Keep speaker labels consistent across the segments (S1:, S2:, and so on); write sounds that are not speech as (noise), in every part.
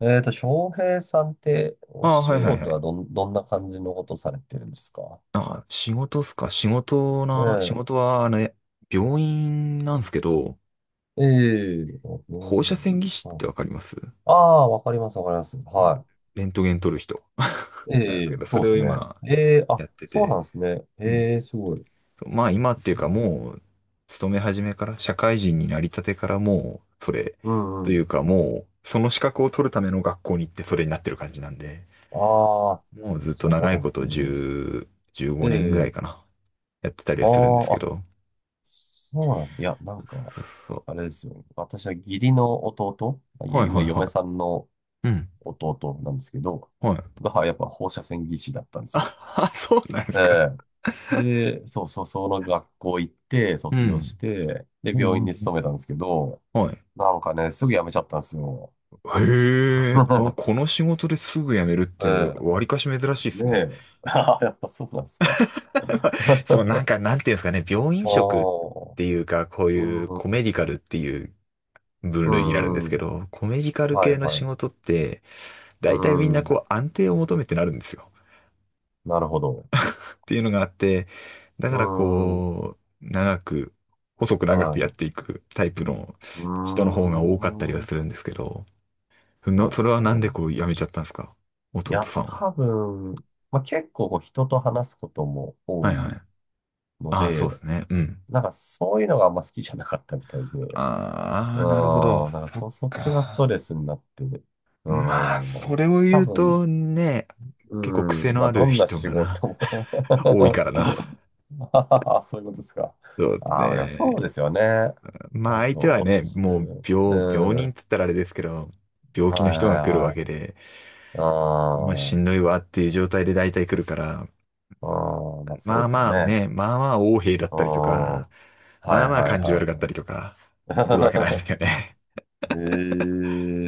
S1: 翔平さんって、お
S2: ああ、はい
S1: 仕
S2: はいは
S1: 事
S2: い。
S1: はどん、どんな感じのことされてるんですか？
S2: あ、仕事っすか。仕事な、仕
S1: え
S2: 事はあれ、病院なんですけど、
S1: え、ええ、あ、病
S2: 放
S1: 院な
S2: 射
S1: ん
S2: 線
S1: だ。
S2: 技師っ
S1: はい、
S2: てわかります？
S1: ああ、わかります、わかります。
S2: うん。
S1: は
S2: レントゲン撮る人。
S1: い。
S2: (laughs) なんで
S1: え
S2: すけ
S1: え、
S2: ど、そ
S1: そう
S2: れ
S1: で
S2: を
S1: すね。
S2: 今
S1: ええ、あ、
S2: やって
S1: そう
S2: て、
S1: なんですね。
S2: うん。
S1: ええ、すごい。
S2: そうまあ今っ
S1: う
S2: ていうか
S1: ん、
S2: もう、勤め始めから、社会人になりたてからもう、それ、
S1: うんう
S2: という
S1: ん。
S2: かもう、その資格を取るための学校に行ってそれになってる感じなんで、
S1: ああ、
S2: もうずっと
S1: そう
S2: 長
S1: な
S2: い
S1: んで
S2: こ
S1: す
S2: と
S1: ね。
S2: 10、15年ぐらい
S1: え
S2: か
S1: え、
S2: な、やってたり
S1: あ
S2: はするんです
S1: あ、
S2: け
S1: あ、
S2: ど、
S1: そうなん、いや、なんか、
S2: そうそう、
S1: あれですよ。私は義理の弟、まあいや
S2: はいは
S1: 今、
S2: い
S1: 嫁
S2: は
S1: さんの
S2: い、うん。
S1: 弟なんですけど、
S2: はい。
S1: がはやっぱ放射線技師だったんですよ。
S2: あそうなんで
S1: え
S2: すか。
S1: え、で、そうそう、その学校行って、
S2: う
S1: 卒業し
S2: ん。
S1: て、で、
S2: うんう
S1: 病
S2: ん
S1: 院に
S2: うん、
S1: 勤めたんですけど、
S2: はい。
S1: なんかね、すぐ辞めちゃったんですよ。
S2: へえ、あ、
S1: (laughs)
S2: この仕事ですぐ辞めるって、
S1: え
S2: わりかし珍しい
S1: え、
S2: です
S1: ね
S2: ね。
S1: え。(laughs) あ、やっぱそうなんですか。
S2: (laughs)
S1: (laughs)
S2: まあ、そう、
S1: あ
S2: なんか、なんていうんですかね、病院食っ
S1: あ、
S2: ていうか、こう
S1: う
S2: いうコ
S1: ん、
S2: メディカルっていう分
S1: う
S2: 類になるんで
S1: ん
S2: す
S1: う
S2: け
S1: ん、
S2: ど、コメディカル
S1: は
S2: 系
S1: い、
S2: の
S1: は
S2: 仕
S1: い。
S2: 事って、
S1: う
S2: 大体みんな
S1: ん、
S2: こう安定を求めてなるんですよ。
S1: なるほど。
S2: っていうのがあって、だ
S1: う
S2: から
S1: ん、は
S2: こう、長く、細く長くやって
S1: い。
S2: いくタイプの
S1: うー
S2: 人の方が多かったりは
S1: ん。
S2: するんですけど、
S1: あ、
S2: それは
S1: そ
S2: なん
S1: う
S2: で
S1: なんで
S2: こう
S1: すね。
S2: やめちゃったんですか、
S1: い
S2: 弟
S1: や、
S2: さんは？
S1: 多分、まあ、結構こう人と話すことも多
S2: はいは
S1: い
S2: い。
S1: の
S2: ああ、そう
S1: で、
S2: ですね。うん。
S1: なんかそういうのがあんま好きじゃなかったみたいで、う
S2: あ
S1: ん、
S2: あ、なるほど。
S1: なんか
S2: そっ
S1: そ、そっちがスト
S2: か。
S1: レスになって、うん、
S2: まあ、そ
S1: 多
S2: れを言う
S1: 分、
S2: とね、
S1: う
S2: 結構
S1: ん、
S2: 癖の
S1: まあ
S2: ある
S1: どんな
S2: 人
S1: 仕
S2: がな、
S1: 事も。
S2: 多いからな。
S1: (laughs) あ、そういうことですか。
S2: そうです
S1: ああ、でもそうで
S2: ね。
S1: すよね。
S2: ま
S1: な
S2: あ
S1: ん
S2: 相
S1: か、
S2: 手は
S1: お
S2: ね、
S1: 年寄
S2: もう
S1: り、う
S2: 病、病
S1: ん、
S2: 人っ
S1: は
S2: て言ったらあれですけど、
S1: い
S2: 病気の人が来るわ
S1: は
S2: けで、
S1: い
S2: お前し
S1: はい。う
S2: んどいわっていう状態で大体来るから、
S1: ん、うん、まあそ
S2: ま
S1: う
S2: あ
S1: ですよ
S2: まあ
S1: ね。
S2: ね、まあまあ横柄だっ
S1: う
S2: たりと
S1: ん、は
S2: か、
S1: いは
S2: まあ
S1: い
S2: まあ感じ
S1: は
S2: 悪かったりとか、来るわけないで
S1: い。
S2: す
S1: (laughs) え
S2: よね。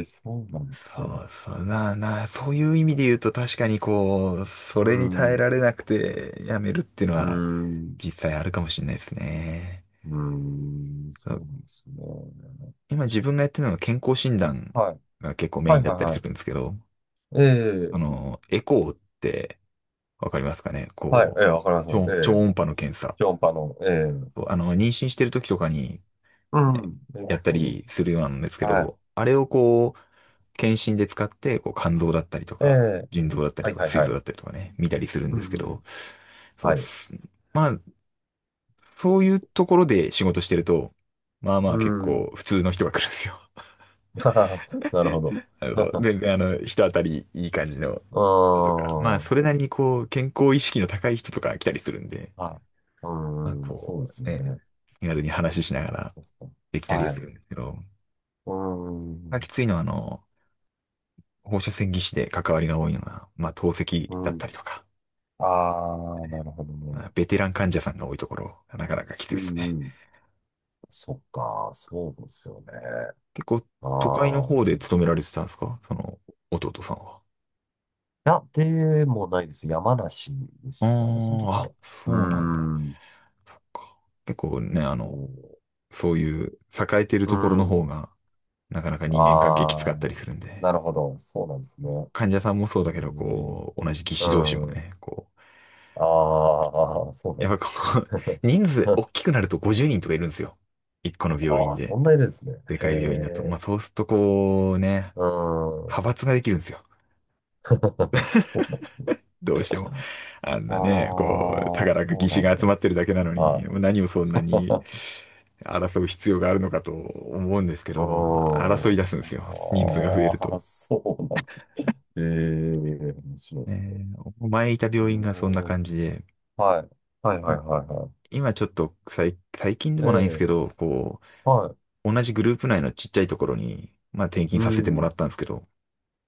S1: え、そうなんです
S2: そ
S1: ね。
S2: うそうなあなあ、そういう意味で言うと確かにこう、そ
S1: う
S2: れに耐え
S1: ん、
S2: られなくてやめるっていうの
S1: う
S2: は
S1: ん、
S2: 実際あるかもしれないですね。
S1: うん、
S2: そ
S1: そう
S2: う、
S1: なんですね。
S2: 今自分がやってるのは健康診断
S1: はい、
S2: が結構メ
S1: は
S2: イン
S1: い、
S2: だっ
S1: はい、
S2: たりす
S1: は
S2: るんですけど、あ
S1: い。ええ、
S2: の、エコーってわかりますかね？
S1: はい、え
S2: こ
S1: え、
S2: う、
S1: わかります。え
S2: 超超
S1: え、
S2: 音波の検査。
S1: ジョンパの、ええ、
S2: あの、妊娠してる時とかに、
S1: う
S2: ね、
S1: ん、え
S2: やっ
S1: え、
S2: た
S1: その、
S2: りするようなんですけ
S1: は
S2: ど、あれをこう、検診で使って、こう、肝臓だったりと
S1: い、え
S2: か、
S1: え、
S2: 腎臓だった
S1: は
S2: り
S1: い、
S2: とか、
S1: はい、
S2: 膵
S1: は
S2: 臓
S1: い。
S2: だったりとかね、見たりするん
S1: う
S2: ですけど、
S1: ん、
S2: そ
S1: は
S2: う、
S1: い、
S2: そういうところで仕事してると、まあま
S1: う
S2: あ結
S1: ん、
S2: 構
S1: (laughs)
S2: 普通の人が来るんですよ。
S1: なるほど。
S2: (laughs) あの、
S1: (laughs)
S2: 全然あの、人当たりいい感じの
S1: う
S2: 人とか、まあ
S1: ーん、
S2: それなりにこう、健康意識の高い人とか来たりするんで、
S1: はい、う
S2: まあ
S1: ーん、そうで
S2: こ
S1: す
S2: う、
S1: よ
S2: ね、
S1: ね。
S2: 気軽に話ししながら
S1: 確かに。
S2: できたりは
S1: は
S2: するんで
S1: い、
S2: すけど、
S1: うー
S2: まあき
S1: ん、
S2: ついのはあの、放射線技師で関わりが多いのは、まあ、透
S1: う
S2: 析だったり
S1: ん。
S2: とか、
S1: ああ、なるほど
S2: ま
S1: ね。
S2: あベテラン患者さんが多いところ、なかなかきつい
S1: う
S2: ですね。
S1: んうん。そっか、そうですよね。
S2: 結構、
S1: あ
S2: 都会の
S1: あ。
S2: 方で勤められてたんですか、その、弟さんは？
S1: いや、でもないです。山梨で
S2: あ
S1: したね、その時
S2: あ、あ、
S1: は。
S2: そ
S1: うー
S2: うなんだ。
S1: ん。
S2: そっか。結構ね、あ
S1: お
S2: の、
S1: ー、
S2: そういう栄えてる
S1: う
S2: ところの
S1: ん。
S2: 方が、なかなか人間関係きつか
S1: あ
S2: っ
S1: あ、
S2: たりするんで、
S1: なるほど。そうなんですね。
S2: 患者さんもそう
S1: え
S2: だけど、
S1: ー、
S2: こう、同じ技師同士も
S1: うん。
S2: ね、こ
S1: ああ、そう
S2: う、
S1: なんで
S2: やっぱ
S1: す。
S2: こう、(laughs) 人数大きく
S1: (laughs)
S2: なると50人とかいるんですよ。一個の病
S1: あ
S2: 院
S1: あ、
S2: で。
S1: そんな色ですね。
S2: で
S1: へ
S2: かい病院だと。まあ、
S1: え。
S2: そうするとこうね、
S1: うん。
S2: 派閥ができるんですよ。
S1: (laughs) そうなんですね。
S2: どうしても。あん
S1: あ
S2: なね、こう、た
S1: あ、
S2: か
S1: そ
S2: だか
S1: う
S2: 義士
S1: な
S2: が
S1: ん
S2: 集
S1: だ。
S2: まってるだけなのに、
S1: は
S2: 何をそんなに
S1: い。
S2: 争う必要があるのかと思うんです
S1: あ
S2: けど、争い
S1: ー
S2: 出すんですよ。人数が増える
S1: あ
S2: と。
S1: ー、そうなんですね。ええ、面白いですね。
S2: ねえ、前いた病院がそんな
S1: おー、
S2: 感じで、
S1: はい。はいはい
S2: い
S1: はいは
S2: 今ちょっと最近で
S1: い。え
S2: もないんです
S1: え、
S2: けど、こ
S1: はい。
S2: う、同じグループ内のちっちゃいところに、まあ転
S1: う
S2: 勤させてもら
S1: ん。
S2: ったんですけど、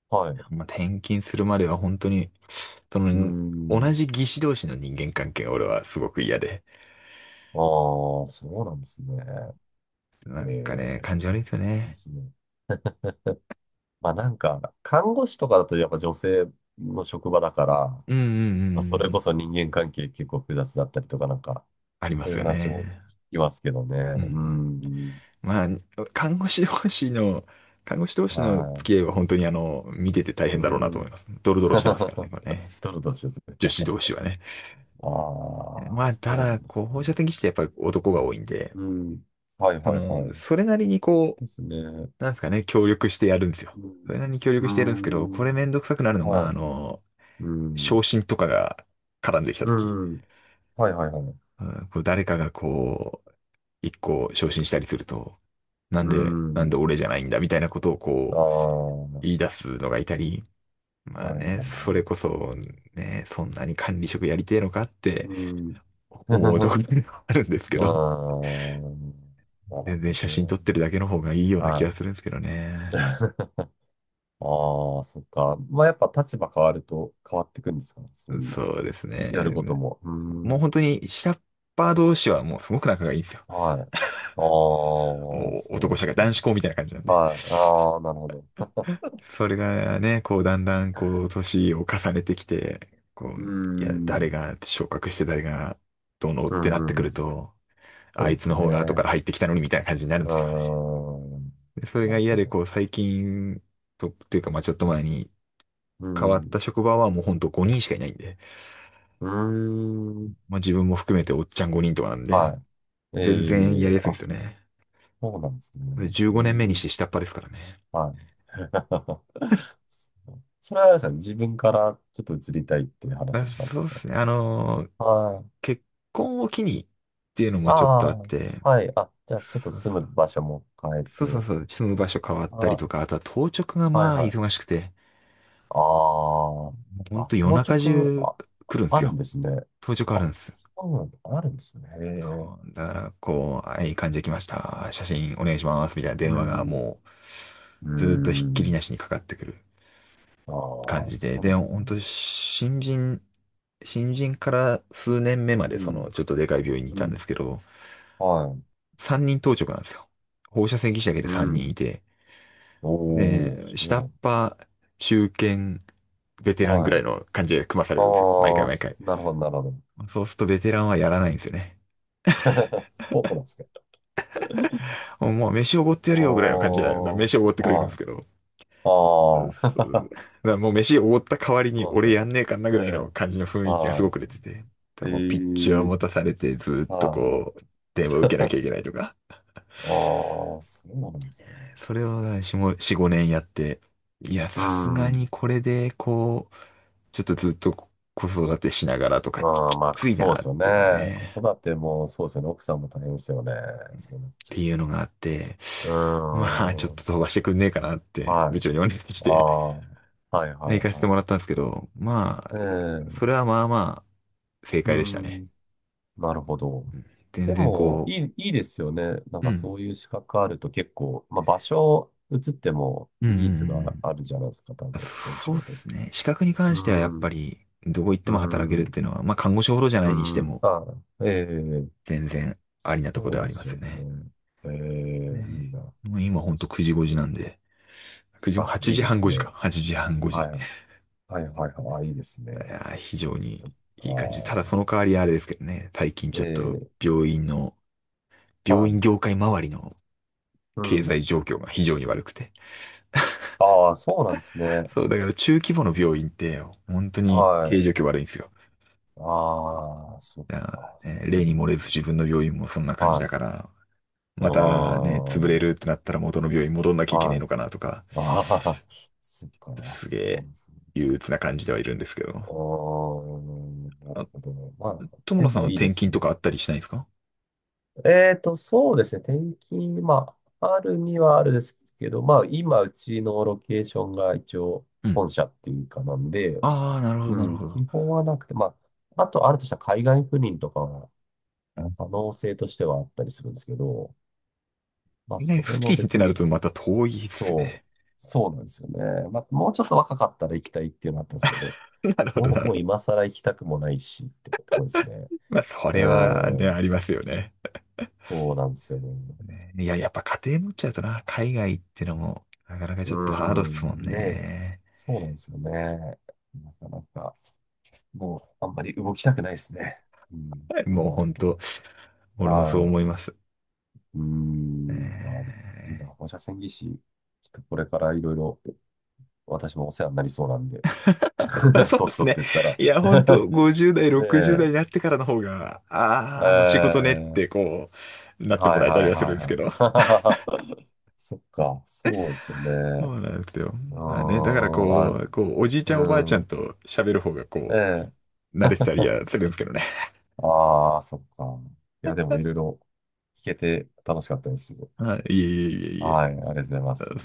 S1: はい。
S2: まあ転勤するまでは本当にそ
S1: う
S2: の、同
S1: ん。
S2: じ技師同士の人間関係が俺はすごく嫌で。
S1: ああ、そうなんですね。え
S2: なんかね、感
S1: え、
S2: じ悪いんですよ
S1: で
S2: ね。
S1: すね。まあなんか、看護師とかだとやっぱ女性の職場だから、ま
S2: うんうんう
S1: あ、そ
S2: ん
S1: れ
S2: う
S1: こ
S2: ん。
S1: そ人間関係結構複雑だったりとかなんか、
S2: ありま
S1: そうい
S2: す
S1: う
S2: よ
S1: 話も
S2: ね。
S1: 聞きますけどね。
S2: うんう
S1: う
S2: ん。
S1: ん。
S2: まあ、看護師同士の、看護師同士の付
S1: は
S2: き合いは本当にあの、見てて大
S1: い。
S2: 変だろうな
S1: う
S2: と思いま
S1: ん。
S2: す。ドロドロしてますからね、
S1: (laughs)
S2: これね。
S1: ドロドロしてるんで
S2: 女
S1: すね。
S2: 子同士はね。
S1: ああ、
S2: まあ、た
S1: そうな
S2: だ、
S1: んで
S2: こう、
S1: す
S2: 放
S1: ね。
S2: 射線技師ってやっぱり男が多いんで、
S1: うん。はい
S2: そ
S1: はいはい。
S2: の、それなりにこ
S1: ですね。
S2: う、なんですかね、協力してやるんですよ。
S1: う
S2: そ
S1: ん。
S2: れなりに協
S1: うー
S2: 力してやるんですけど、これ
S1: ん。
S2: めんどくさくなるのが、
S1: は
S2: あ
S1: い。
S2: の、
S1: う
S2: 昇
S1: ん。
S2: 進とかが絡んできた
S1: う
S2: とき、
S1: ん。はいはいはい。
S2: うん、こう誰かがこう、一個昇進したりすると、な
S1: う
S2: んで、なんで
S1: ん。
S2: 俺じゃないんだみたいなことを
S1: ああ、
S2: こう、
S1: は
S2: 言い出すのがいたり、
S1: い
S2: まあ
S1: はいは
S2: ね、それ
S1: い。
S2: こ
S1: そうです
S2: そ、
S1: ね。
S2: ね、そんなに管理職やりてえのかって
S1: うん。
S2: 思うところ
S1: (laughs) あ
S2: があるんですけど、
S1: あ、なる
S2: 全然
S1: ほ
S2: 写
S1: ど
S2: 真撮っ
S1: ね。
S2: てるだけの方がいいような気
S1: は
S2: が
S1: い。
S2: するんですけどね。
S1: (laughs) ああ、そっか。まあ、やっぱ立場変わると変わってくんですかね。そういう、
S2: そうですね。
S1: やることも。うー
S2: もう
S1: ん。
S2: 本当に下っ端同士はもうすごく仲がいいんですよ。
S1: はい。ああ、
S2: もう
S1: そう
S2: 男
S1: で
S2: 社会、
S1: すか。
S2: 男子校みたいな感じなんで。
S1: はい。ああ、なるほど。(laughs)
S2: それがね、こう、だんだん、こう、年を重ねてきて、こ
S1: うー
S2: う、いや、誰
S1: ん。
S2: が昇格して誰がどうのっ
S1: う
S2: てなってく
S1: んう
S2: る
S1: ん。
S2: と、あ
S1: そう
S2: い
S1: で
S2: つ
S1: す
S2: の方が後か
S1: ね。
S2: ら入ってきたのにみたいな感じになる
S1: う
S2: んですよね。
S1: ーん。
S2: で、それ
S1: な
S2: が
S1: る
S2: 嫌
S1: ほ
S2: で、
S1: ど。
S2: こう、最近、っていうか、まあちょっと前に
S1: う
S2: 変わった
S1: ん。
S2: 職場はもうほんと5人しかいないんで、
S1: うーん。
S2: まあ自分も含めておっちゃん5人とかなんで、
S1: はい。
S2: 全然
S1: え
S2: や
S1: え、
S2: りやすいんで
S1: あ、
S2: すよね。
S1: そうなんですね。
S2: で、15
S1: うー
S2: 年目にし
S1: ん。
S2: て下っ端ですからね。
S1: はい。(laughs) それはあれですか、自分からちょっと移りたいっていう
S2: ま
S1: 話
S2: あ、
S1: をしたんで
S2: そう
S1: す
S2: で
S1: か？
S2: すね。
S1: はい。
S2: 結婚を機にっていうの
S1: あ
S2: もちょっとあって、
S1: あ、はい。あ、じゃあ、ちょっと
S2: そうそ
S1: 住む
S2: う。
S1: 場所も変え
S2: そうそう
S1: て。
S2: そう、住む場所変わったり
S1: あ、
S2: とか、あとは当直が
S1: はい
S2: まあ
S1: は
S2: 忙
S1: い。
S2: しくて、
S1: あ
S2: もうほ
S1: あ、
S2: ん
S1: あ、
S2: と夜
S1: 当
S2: 中
S1: 直、
S2: 中
S1: あ、
S2: 来るんで
S1: あ
S2: す
S1: るん
S2: よ。
S1: ですね。
S2: 当直あるん
S1: あ、
S2: です。
S1: そうなん、あるんですね。へえ。
S2: だから、こう、はい、患者来ました。写真お願いします。みたいな
S1: う
S2: 電話が
S1: ん。
S2: もう、
S1: う
S2: ずーっとひっきりな
S1: ん。
S2: しにかかってくる
S1: あ
S2: 感
S1: あ、
S2: じ
S1: そ
S2: で。
S1: うな
S2: で、
S1: んです
S2: ほん
S1: ね。
S2: と、新人から数年目ま
S1: う
S2: で、その、
S1: ん。
S2: ちょっとでかい病院にい
S1: う
S2: たんで
S1: ん。
S2: すけど、
S1: はい。
S2: 3人当直なんですよ。放射線技師だけで
S1: う
S2: 3人
S1: ん。
S2: いて、ね
S1: お、お、そ
S2: え、
S1: う
S2: 下
S1: な
S2: っ
S1: ん
S2: 端、中堅、ベテ
S1: だ。
S2: ラン
S1: は
S2: ぐらい
S1: い。
S2: の感じで組まされるんですよ。毎回毎
S1: あ
S2: 回。
S1: あ、なるほど、なるほど。
S2: そうするとベテランはやらないんですよね。
S1: (laughs) そうなんですか。
S2: もう飯おごってやるよぐらいの感じで、だから
S1: おー、
S2: 飯おごってくれるんで
S1: は
S2: す
S1: い。
S2: けど。
S1: ああ、
S2: そうだからもう飯おごった代わり
S1: (laughs)
S2: に
S1: そう
S2: 俺
S1: そ
S2: やんねえかんな
S1: う。
S2: ぐらいの
S1: え
S2: 感じの雰
S1: え、
S2: 囲気がすご
S1: は
S2: く出てて。だか
S1: い。
S2: ら
S1: え
S2: もうピッチを
S1: え、
S2: 持たされてずーっと
S1: はい。
S2: こう、電話を受けな
S1: (laughs)
S2: きゃいけないとか。
S1: ああ、そうなんですね。
S2: それを4、5年やって、いや、
S1: う
S2: さすが
S1: ん。
S2: にこれでこう、ちょっとずっと子育てしながらとかき
S1: ああ、
S2: き
S1: ま
S2: つ
S1: あ、
S2: い
S1: そうで
S2: なっ
S1: すよね。
S2: ていうのが
S1: 子
S2: ね、
S1: 育てもそうですよね。奥さんも大変ですよね。そう
S2: っ
S1: なっちゃ
S2: て
S1: う
S2: い
S1: と。
S2: うのがあって、
S1: う
S2: まあちょっ
S1: ーん。
S2: と飛ばしてくんねえかなって
S1: は
S2: 部
S1: い。
S2: 長にお願いし
S1: あ
S2: て
S1: あ、はいは
S2: 行
S1: い
S2: かせて
S1: は
S2: もらったんですけど、まあ、
S1: い。ね
S2: そ
S1: え。
S2: れはまあまあ正
S1: う
S2: 解でしたね。
S1: ん。なるほど。
S2: うん、全
S1: で
S2: 然
S1: も、
S2: こ
S1: いい、いいですよね。なん
S2: う、う
S1: か
S2: ん。
S1: そういう資格あると結構、まあ場所移っても
S2: うんうんう
S1: ニーズ
S2: ん
S1: があるじゃないですか。多
S2: うん、
S1: 分、そういう
S2: そ
S1: 仕
S2: うで
S1: 事っ
S2: す
S1: て。
S2: ね。資格に関
S1: う
S2: してはやっ
S1: ん。
S2: ぱりどこ行っ
S1: う
S2: ても働けるっ
S1: ん。
S2: ていうのは、まあ看護師ほどじゃな
S1: う
S2: いにして
S1: ん。
S2: も
S1: ああ、ええ、
S2: 全然ありなところ
S1: そ
S2: で
S1: う
S2: はあ
S1: で
S2: りま
S1: す
S2: す
S1: よ
S2: よね。
S1: ね。ええ、いい
S2: ね、
S1: な。
S2: もう今ほんと9時5時なんで、9時、
S1: あ、
S2: 8
S1: いいで
S2: 時半
S1: す
S2: 5
S1: ね。
S2: 時か。8時半5時。
S1: は
S2: い
S1: い。はいはいはい。あ、いいですね。
S2: やー非常に
S1: そっか。
S2: いい感じ。ただその代わりあれですけどね、最近ちょっと
S1: ええ、は
S2: 病院
S1: い。
S2: 業界周りの
S1: う
S2: 経
S1: ん。
S2: 済状況が非常に悪くて。
S1: ああ、そうなんですね。
S2: そう、だから中規模の病院って本当に経営
S1: は
S2: 状況悪いんですよ。
S1: い。ああ、そっ
S2: だか
S1: か。
S2: ら
S1: そ
S2: ね
S1: うな
S2: 例に漏
S1: ん
S2: れず自分の病院もそんな
S1: だ。
S2: 感じ
S1: は
S2: だ
S1: い。
S2: から、
S1: う
S2: またね、
S1: ー
S2: 潰れ
S1: ん。
S2: るってなったら元の病院戻んなきゃいけね
S1: は
S2: えの
S1: い。
S2: かなとか、
S1: (laughs) ああ、そっか。
S2: すげ
S1: そうな
S2: え
S1: んですね。
S2: 憂鬱な感じではいるんですけ
S1: う
S2: ど。
S1: ーん。なる
S2: あ、
S1: ほどね。まあ、
S2: 友
S1: で
S2: 野さん
S1: も
S2: は
S1: いい
S2: 転
S1: です
S2: 勤
S1: ね。
S2: とかあったりしないんですか？
S1: そうですね。転勤、まあ、あるにはあるですけど、まあ、今、うちのロケーションが一応、
S2: うん、
S1: 本社っていうかなんで、
S2: ああ、なるほど、
S1: う
S2: なる
S1: ん、
S2: ほ
S1: 基
S2: ど。
S1: 本はなくて、まあ、あと、あるとしたら海外赴任とかは、可能性としてはあったりするんですけど、まあ、
S2: ね、
S1: それ
S2: 付
S1: も
S2: 近って
S1: 別
S2: なる
S1: に、
S2: とまた遠いです
S1: そう、
S2: ね。
S1: そうなんですよね。まあ、もうちょっと若かったら行きたいっていうのはあったんですけど、
S2: (laughs) なるほど、
S1: も
S2: な
S1: う、
S2: る
S1: もう
S2: ほど。
S1: 今更行きたくもないし、ってとこですね。
S2: まあ、そ
S1: う
S2: れはね、あ
S1: ん、
S2: りますよね。
S1: そうなんですよね。
S2: ね、いや、やっぱ家庭持っちゃうとな、海外ってのも、なかなか
S1: う
S2: ちょっとハードっ
S1: ー
S2: すもん
S1: ん、ねえ。
S2: ね。
S1: そうなんですよね。なかなか、もう、あんまり動きたくないですね。うん、そ
S2: もう
S1: うな
S2: ほ
S1: る
S2: んと、
S1: と。
S2: 俺もそ
S1: は
S2: う
S1: い。
S2: 思います。
S1: うー
S2: え
S1: ん、あの、みんな、
S2: ー
S1: 放射線技師、ちょっとこれからいろいろ、私もお世話になりそうなんで、
S2: (laughs)
S1: (laughs)
S2: そうで
S1: 年
S2: す
S1: 取っ
S2: ね。
S1: てったら。
S2: いや、ほんと、
S1: (laughs)
S2: 50代、
S1: ね
S2: 60代
S1: え、
S2: になってからの方が、
S1: え
S2: ああ、あの仕事ねっ
S1: ー、
S2: て、こう、なって
S1: は
S2: も
S1: い
S2: らえた
S1: は
S2: り
S1: い
S2: はする
S1: は
S2: ん
S1: い
S2: ですけど。
S1: はい。(laughs) そっか、そうですよね。
S2: そうなんですよ。
S1: うー
S2: まあね、だから
S1: ん、あ、
S2: こう、おじいちゃんおば
S1: う
S2: あちゃん
S1: ん、
S2: と喋る方がこ
S1: え
S2: う、慣
S1: え。
S2: れてたり
S1: (laughs)
S2: はするんですけどね。(laughs)
S1: ああ、そっか。いや、でもいろいろ聞けて楽しかったです。
S2: はい、いえいえいえいえ。
S1: はい、ありがとうございます。